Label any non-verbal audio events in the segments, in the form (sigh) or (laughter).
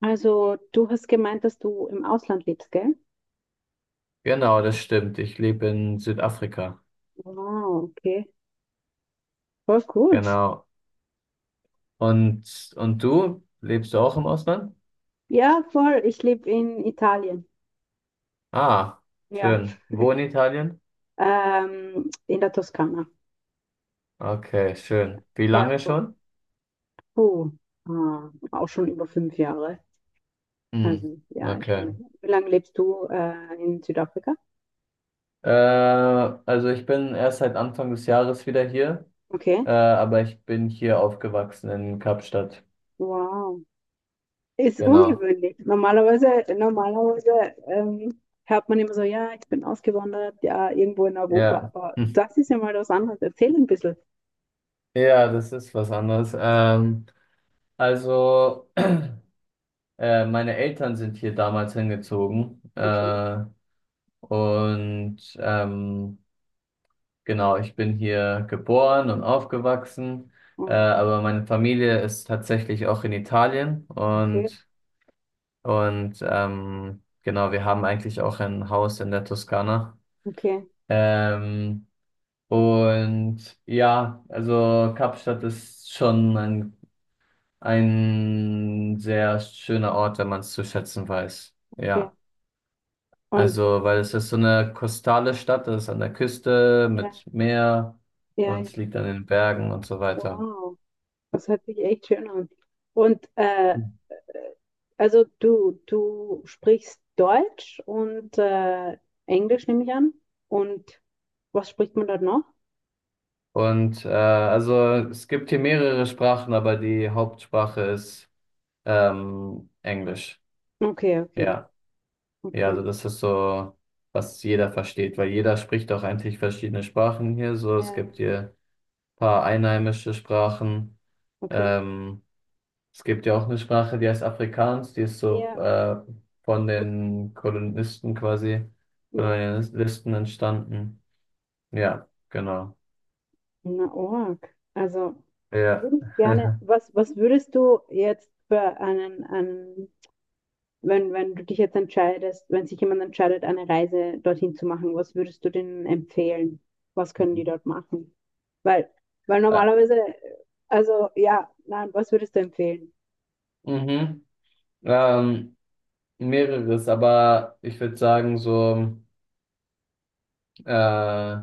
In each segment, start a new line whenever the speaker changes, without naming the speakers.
Also, du hast gemeint, dass du im Ausland lebst, gell?
Genau, das stimmt. Ich lebe in Südafrika.
Wow, okay. Voll cool.
Genau. Und du? Lebst du auch im Ausland?
Ja, voll. Ich lebe in Italien.
Ah,
Ja.
schön. Wo in Italien?
In der Toskana.
Okay, schön. Wie
Ja,
lange
voll.
schon?
Oh, auch schon über 5 Jahre.
Hm,
Also, ja, ist schon
okay.
länger. Wie lange lebst du in Südafrika?
Also ich bin erst seit Anfang des Jahres wieder hier,
Okay.
aber ich bin hier aufgewachsen in Kapstadt.
Wow. Ist
Genau.
ungewöhnlich. Normalerweise hört man immer so, ja, ich bin ausgewandert, ja, irgendwo in Europa.
Ja.
Aber
Hm.
das ist ja mal was anderes. Erzähl ein bisschen.
Ja, das ist was anderes. Also, (clears throat) meine Eltern sind hier damals hingezogen.
Okay.
Und genau, ich bin hier geboren und aufgewachsen,
Oh,
aber meine Familie ist tatsächlich auch in Italien
okay,
und genau, wir haben eigentlich auch ein Haus in der Toskana.
okay,
Ähm, und ja, also Kapstadt ist schon ein sehr schöner Ort, wenn man es zu schätzen weiß.
okay.
Ja.
Und
Also, weil es ist so eine kostale Stadt, das ist an der Küste
ja,
mit Meer,
ja,
und
ja,
es liegt an den Bergen und so weiter.
wow, das hört sich echt schön an. Und also du sprichst Deutsch und Englisch, nehme ich an. Und was spricht man dort noch?
Und also es gibt hier mehrere Sprachen, aber die Hauptsprache ist Englisch.
Okay, okay,
Ja, ja,
okay.
also das ist so, was jeder versteht, weil jeder spricht auch eigentlich verschiedene Sprachen hier. So,
Ja,
es
ja,
gibt hier ein paar einheimische Sprachen.
okay.
Ähm, Es gibt ja auch eine Sprache, die heißt Afrikaans. Die ist so
Ja,
von den Kolonisten quasi,
ja.
Kolonialisten entstanden. Ja, genau.
Na, org. Also
Ja.
würde ich gerne,
(laughs)
was würdest du jetzt für einen wenn du dich jetzt entscheidest, wenn sich jemand entscheidet, eine Reise dorthin zu machen, was würdest du denen empfehlen? Was können die dort machen? Weil,
Äh,
normalerweise, also ja, nein, was würdest du empfehlen?
mhm. Ähm, mehreres, aber ich würde sagen, so, äh,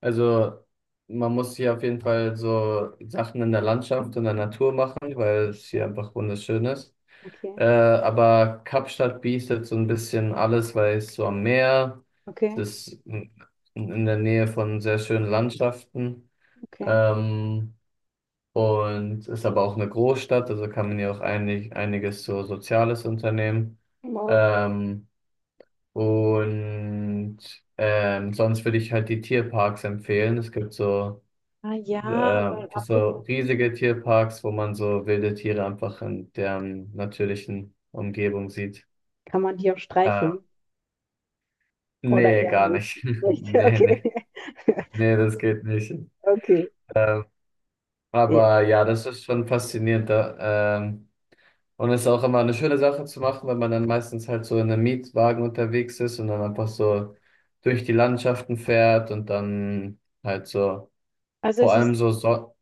also man muss hier auf jeden Fall so Sachen in der Landschaft und der Natur machen, weil es hier
Okay,
einfach wunderschön ist.
okay,
Aber Kapstadt bietet so ein bisschen alles, weil es so am Meer
okay,
es ist, in der Nähe von sehr schönen Landschaften.
okay.
ähm, und ist aber auch eine Großstadt, also kann man hier auch einiges so Soziales unternehmen.
Wow.
Ähm, und sonst würde ich halt die Tierparks empfehlen. Es gibt so,
Ah ja, weil
so
Afrika.
riesige Tierparks, wo man so wilde Tiere einfach in deren natürlichen Umgebung sieht.
Kann man die auch
Äh,
streicheln? Oder
nee,
eher
gar
nicht?
nicht. (laughs)
Nicht, (laughs)
Nee, nee.
okay. (laughs)
Nee, das geht nicht.
Okay. Ja.
Aber ja, das ist schon faszinierend. Da, und es ist auch immer eine schöne Sache zu machen, wenn man dann meistens halt so in einem Mietwagen unterwegs ist und dann einfach
Wow.
so durch die Landschaften fährt und dann halt so,
Also
vor
es
allem
ist,
so, so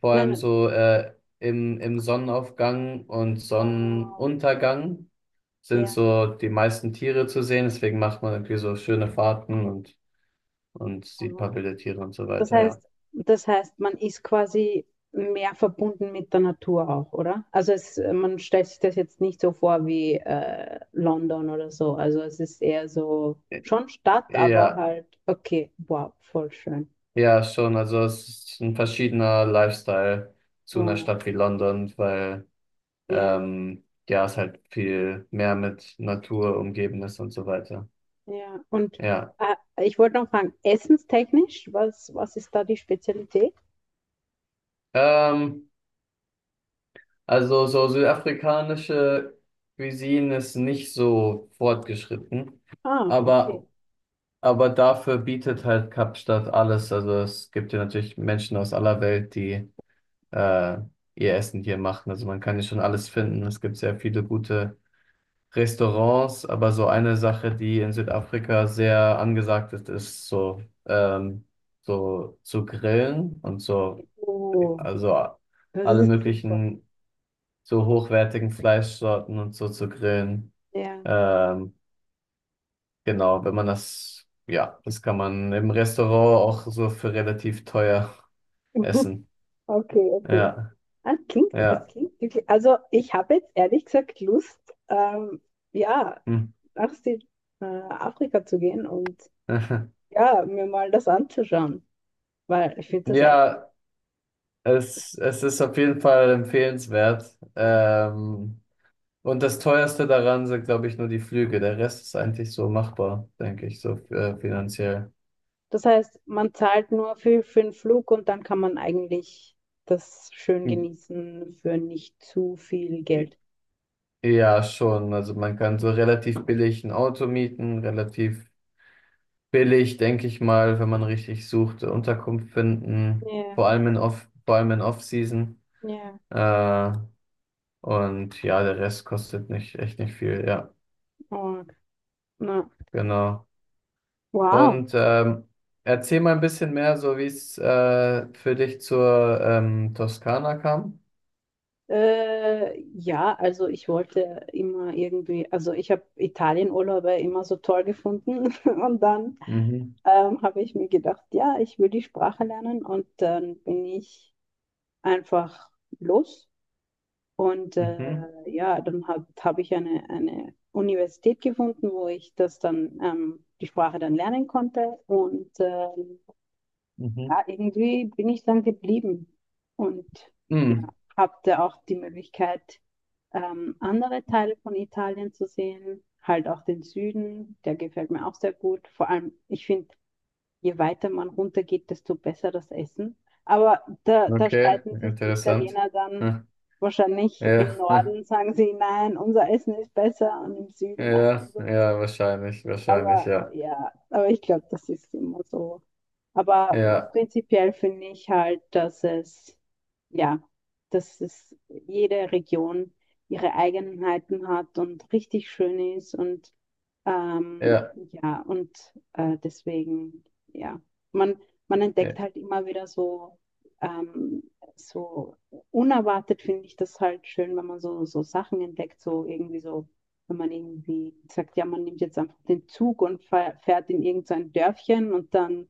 vor
nein,
allem
nein.
so äh, im Sonnenaufgang und
Wow.
Sonnenuntergang sind
Ja,
so die meisten Tiere zu sehen. Deswegen macht man irgendwie so schöne Fahrten, und die
wow.
Pappe der Tiere und so
Das
weiter, ja.
heißt, das heißt, man ist quasi mehr verbunden mit der Natur auch, oder? Also es, man stellt sich das jetzt nicht so vor wie London oder so. Also es ist eher so
Ä-
schon Stadt, aber
Ja,
halt, okay, wow, voll schön.
ja, schon. Also es ist ein verschiedener Lifestyle zu einer
Wow.
Stadt wie London, weil
Ja,
ja, es halt viel mehr mit Natur umgeben ist und so weiter.
ja. Und
Ja.
äh, ich wollte noch fragen, essenstechnisch, was ist da die Spezialität?
Ähm, also so südafrikanische Cuisine ist nicht so fortgeschritten,
Ah, okay.
aber, aber dafür bietet halt Kapstadt alles. Also es gibt ja natürlich Menschen aus aller Welt, die äh, ihr Essen hier machen. Also man kann hier schon alles finden. Es gibt sehr viele gute Restaurants, aber so eine Sache, die in Südafrika sehr angesagt ist, ist so, so zu grillen und so,
Oh,
also
das
alle
ist super.
möglichen so hochwertigen Fleischsorten und so zu grillen.
Ja.
Ähm, genau, wenn man das, ja, das kann man im Restaurant auch so für relativ teuer (laughs)
(laughs)
essen.
Okay, okay.
Ja,
Ah, es
ja.
klingt wirklich. Also ich habe jetzt ehrlich gesagt Lust, ähm, ja,
Hm.
nach Afrika zu gehen und
(laughs)
ja, mir mal das anzuschauen, weil ich finde das echt.
Ja, es ist auf jeden Fall empfehlenswert.
Ja.
Und das Teuerste daran sind, glaube ich, nur die Flüge. Der Rest ist eigentlich so machbar, denke ich, so finanziell.
Das heißt, man zahlt nur für den Flug und dann kann man eigentlich das schön
Hm.
genießen für nicht zu viel Geld.
Ja, schon. Also man kann so relativ billig ein Auto mieten, relativ billig, denke ich mal, wenn man richtig sucht, Unterkunft finden,
Ja,
vor allem in Off-Season.
ja.
Äh, und ja, der Rest kostet nicht, echt nicht viel. Ja,
Oh, na,
genau.
wow.
Und ähm, erzähl mal ein bisschen mehr, so wie es für dich zur Toskana kam.
Ja, also ich wollte immer irgendwie, also ich habe Italienurlaube immer so toll gefunden (laughs) und dann
Mhm.
habe ich mir gedacht, ja, ich will die Sprache lernen und dann bin ich einfach los und
Mhm.
ja, dann hab ich eine Universität gefunden, wo ich das dann, die Sprache dann lernen konnte und
Mhm.
ja, irgendwie bin ich dann geblieben und ja,
Mhm.
hatte auch die Möglichkeit, andere Teile von Italien zu sehen, halt auch den Süden, der gefällt mir auch sehr gut. Vor allem, ich finde, je weiter man runtergeht, desto besser das Essen. Aber da
Okay,
streiten sich die
interessant.
Italiener dann
Hm.
wahrscheinlich im
Ja. (laughs) Hm,
Norden, sagen sie, nein, unser Essen ist besser und im Süden, nein,
ja,
unser.
ja, wahrscheinlich, wahrscheinlich,
Aber
ja.
ja, aber ich glaube, das ist immer so. Aber
Ja,
prinzipiell finde ich halt, dass es, ja, dass es jede Region ihre Eigenheiten hat und richtig schön ist und ähm,
ja,
ja, und deswegen, ja, man, man entdeckt
ja,
halt immer wieder so, ähm, so unerwartet finde ich das halt schön, wenn man so, so Sachen entdeckt, so irgendwie so, wenn man irgendwie sagt, ja, man nimmt jetzt einfach den Zug und fährt in irgendein Dörfchen und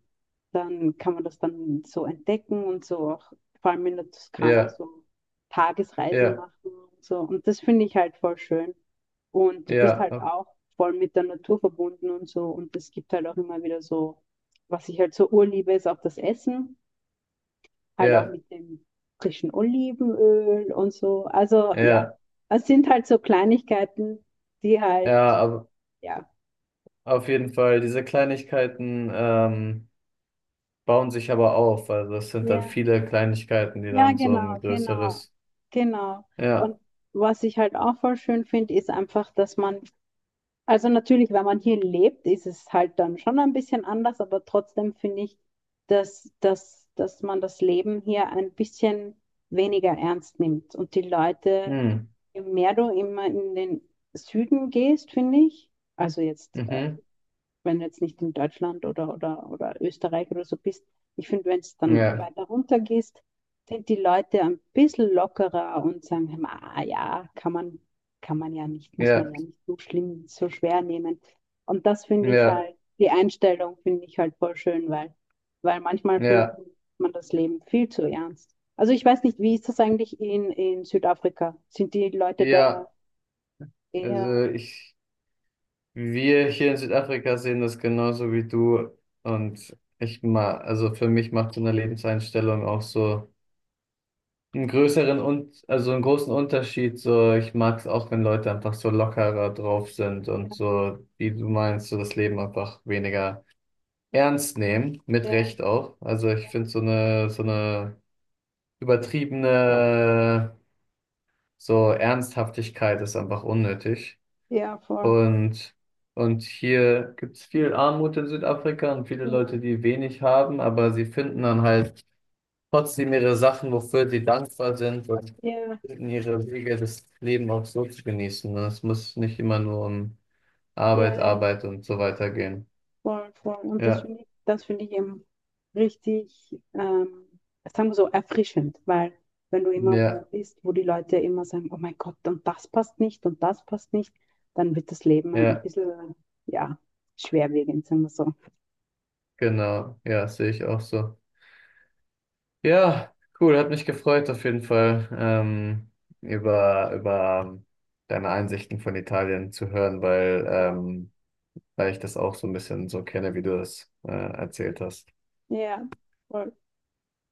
dann kann man das dann so entdecken und so auch, vor allem in der Toskana,
ja,
so Tagesreisen
ja,
machen und so. Und das finde ich halt voll schön. Und du bist
ja,
halt auch voll mit der Natur verbunden und so. Und es gibt halt auch immer wieder so, was ich halt so urliebe, ist auch das Essen, halt auch
ja,
mit dem frischen Olivenöl und so. Also ja,
ja,
es sind halt so Kleinigkeiten, die halt,
ja, aber
ja.
auf jeden Fall, diese Kleinigkeiten bauen sich aber auf. Also es sind dann
Ja,
viele Kleinigkeiten, die
ja,
dann so
genau,
ein
genau,
größeres,
genau.
ja.
Und was ich halt auch voll schön finde, ist einfach, dass man, also natürlich, wenn man hier lebt, ist es halt dann schon ein bisschen anders, aber trotzdem finde ich, dass man das Leben hier ein bisschen weniger ernst nimmt. Und die Leute,
Hm.
je mehr du immer in den Süden gehst, finde ich, also jetzt
Mhm.
wenn du jetzt nicht in Deutschland oder Österreich oder so bist, ich finde, wenn es dann
Ja,
weiter runter gehst, sind die Leute ein bisschen lockerer und sagen, "Hm, ah ja, kann man ja nicht, muss man
ja,
ja nicht so schlimm, so schwer nehmen. Und das finde ich
ja,
halt, die Einstellung finde ich halt voll schön, weil, manchmal findet
ja,
man das Leben viel zu ernst. Also ich weiß nicht, wie ist das eigentlich in Südafrika? Sind die Leute da
ja.
eher,
Also ich, wir hier in Südafrika sehen das genauso wie du. Und ich mal, also für mich macht so eine Lebenseinstellung auch so einen größeren und also einen großen Unterschied. So, ich mag es auch, wenn Leute einfach so lockerer drauf sind und so, wie du meinst, so das Leben einfach weniger ernst nehmen, mit
eher,
Recht auch. Also ich finde so eine übertriebene so Ernsthaftigkeit ist einfach unnötig.
eher voll?
Und, und hier gibt es viel Armut in Südafrika und viele
Ja,
Leute, die wenig haben, aber sie finden dann halt trotzdem ihre Sachen, wofür sie dankbar sind, und
ja,
finden ihre Wege, das Leben auch so zu genießen. Und es muss nicht immer nur um
ja,
Arbeit,
ja.
Arbeit und so weiter gehen.
Voll, voll. Und
Ja,
das finde ich eben richtig, sagen wir so, erfrischend, weil wenn du immer wo
ja,
bist, wo die Leute immer sagen, oh mein Gott, und das passt nicht und das passt nicht, dann wird das Leben ein
ja,
bisschen, ja, schwerwiegend, sagen wir so.
genau. Ja, sehe ich auch so. Ja, cool, hat mich gefreut auf jeden Fall, über deine Einsichten von Italien zu hören, weil,
Ja,
ähm, weil ich das auch so ein bisschen so kenne, wie du das, erzählt hast.
ja, voll.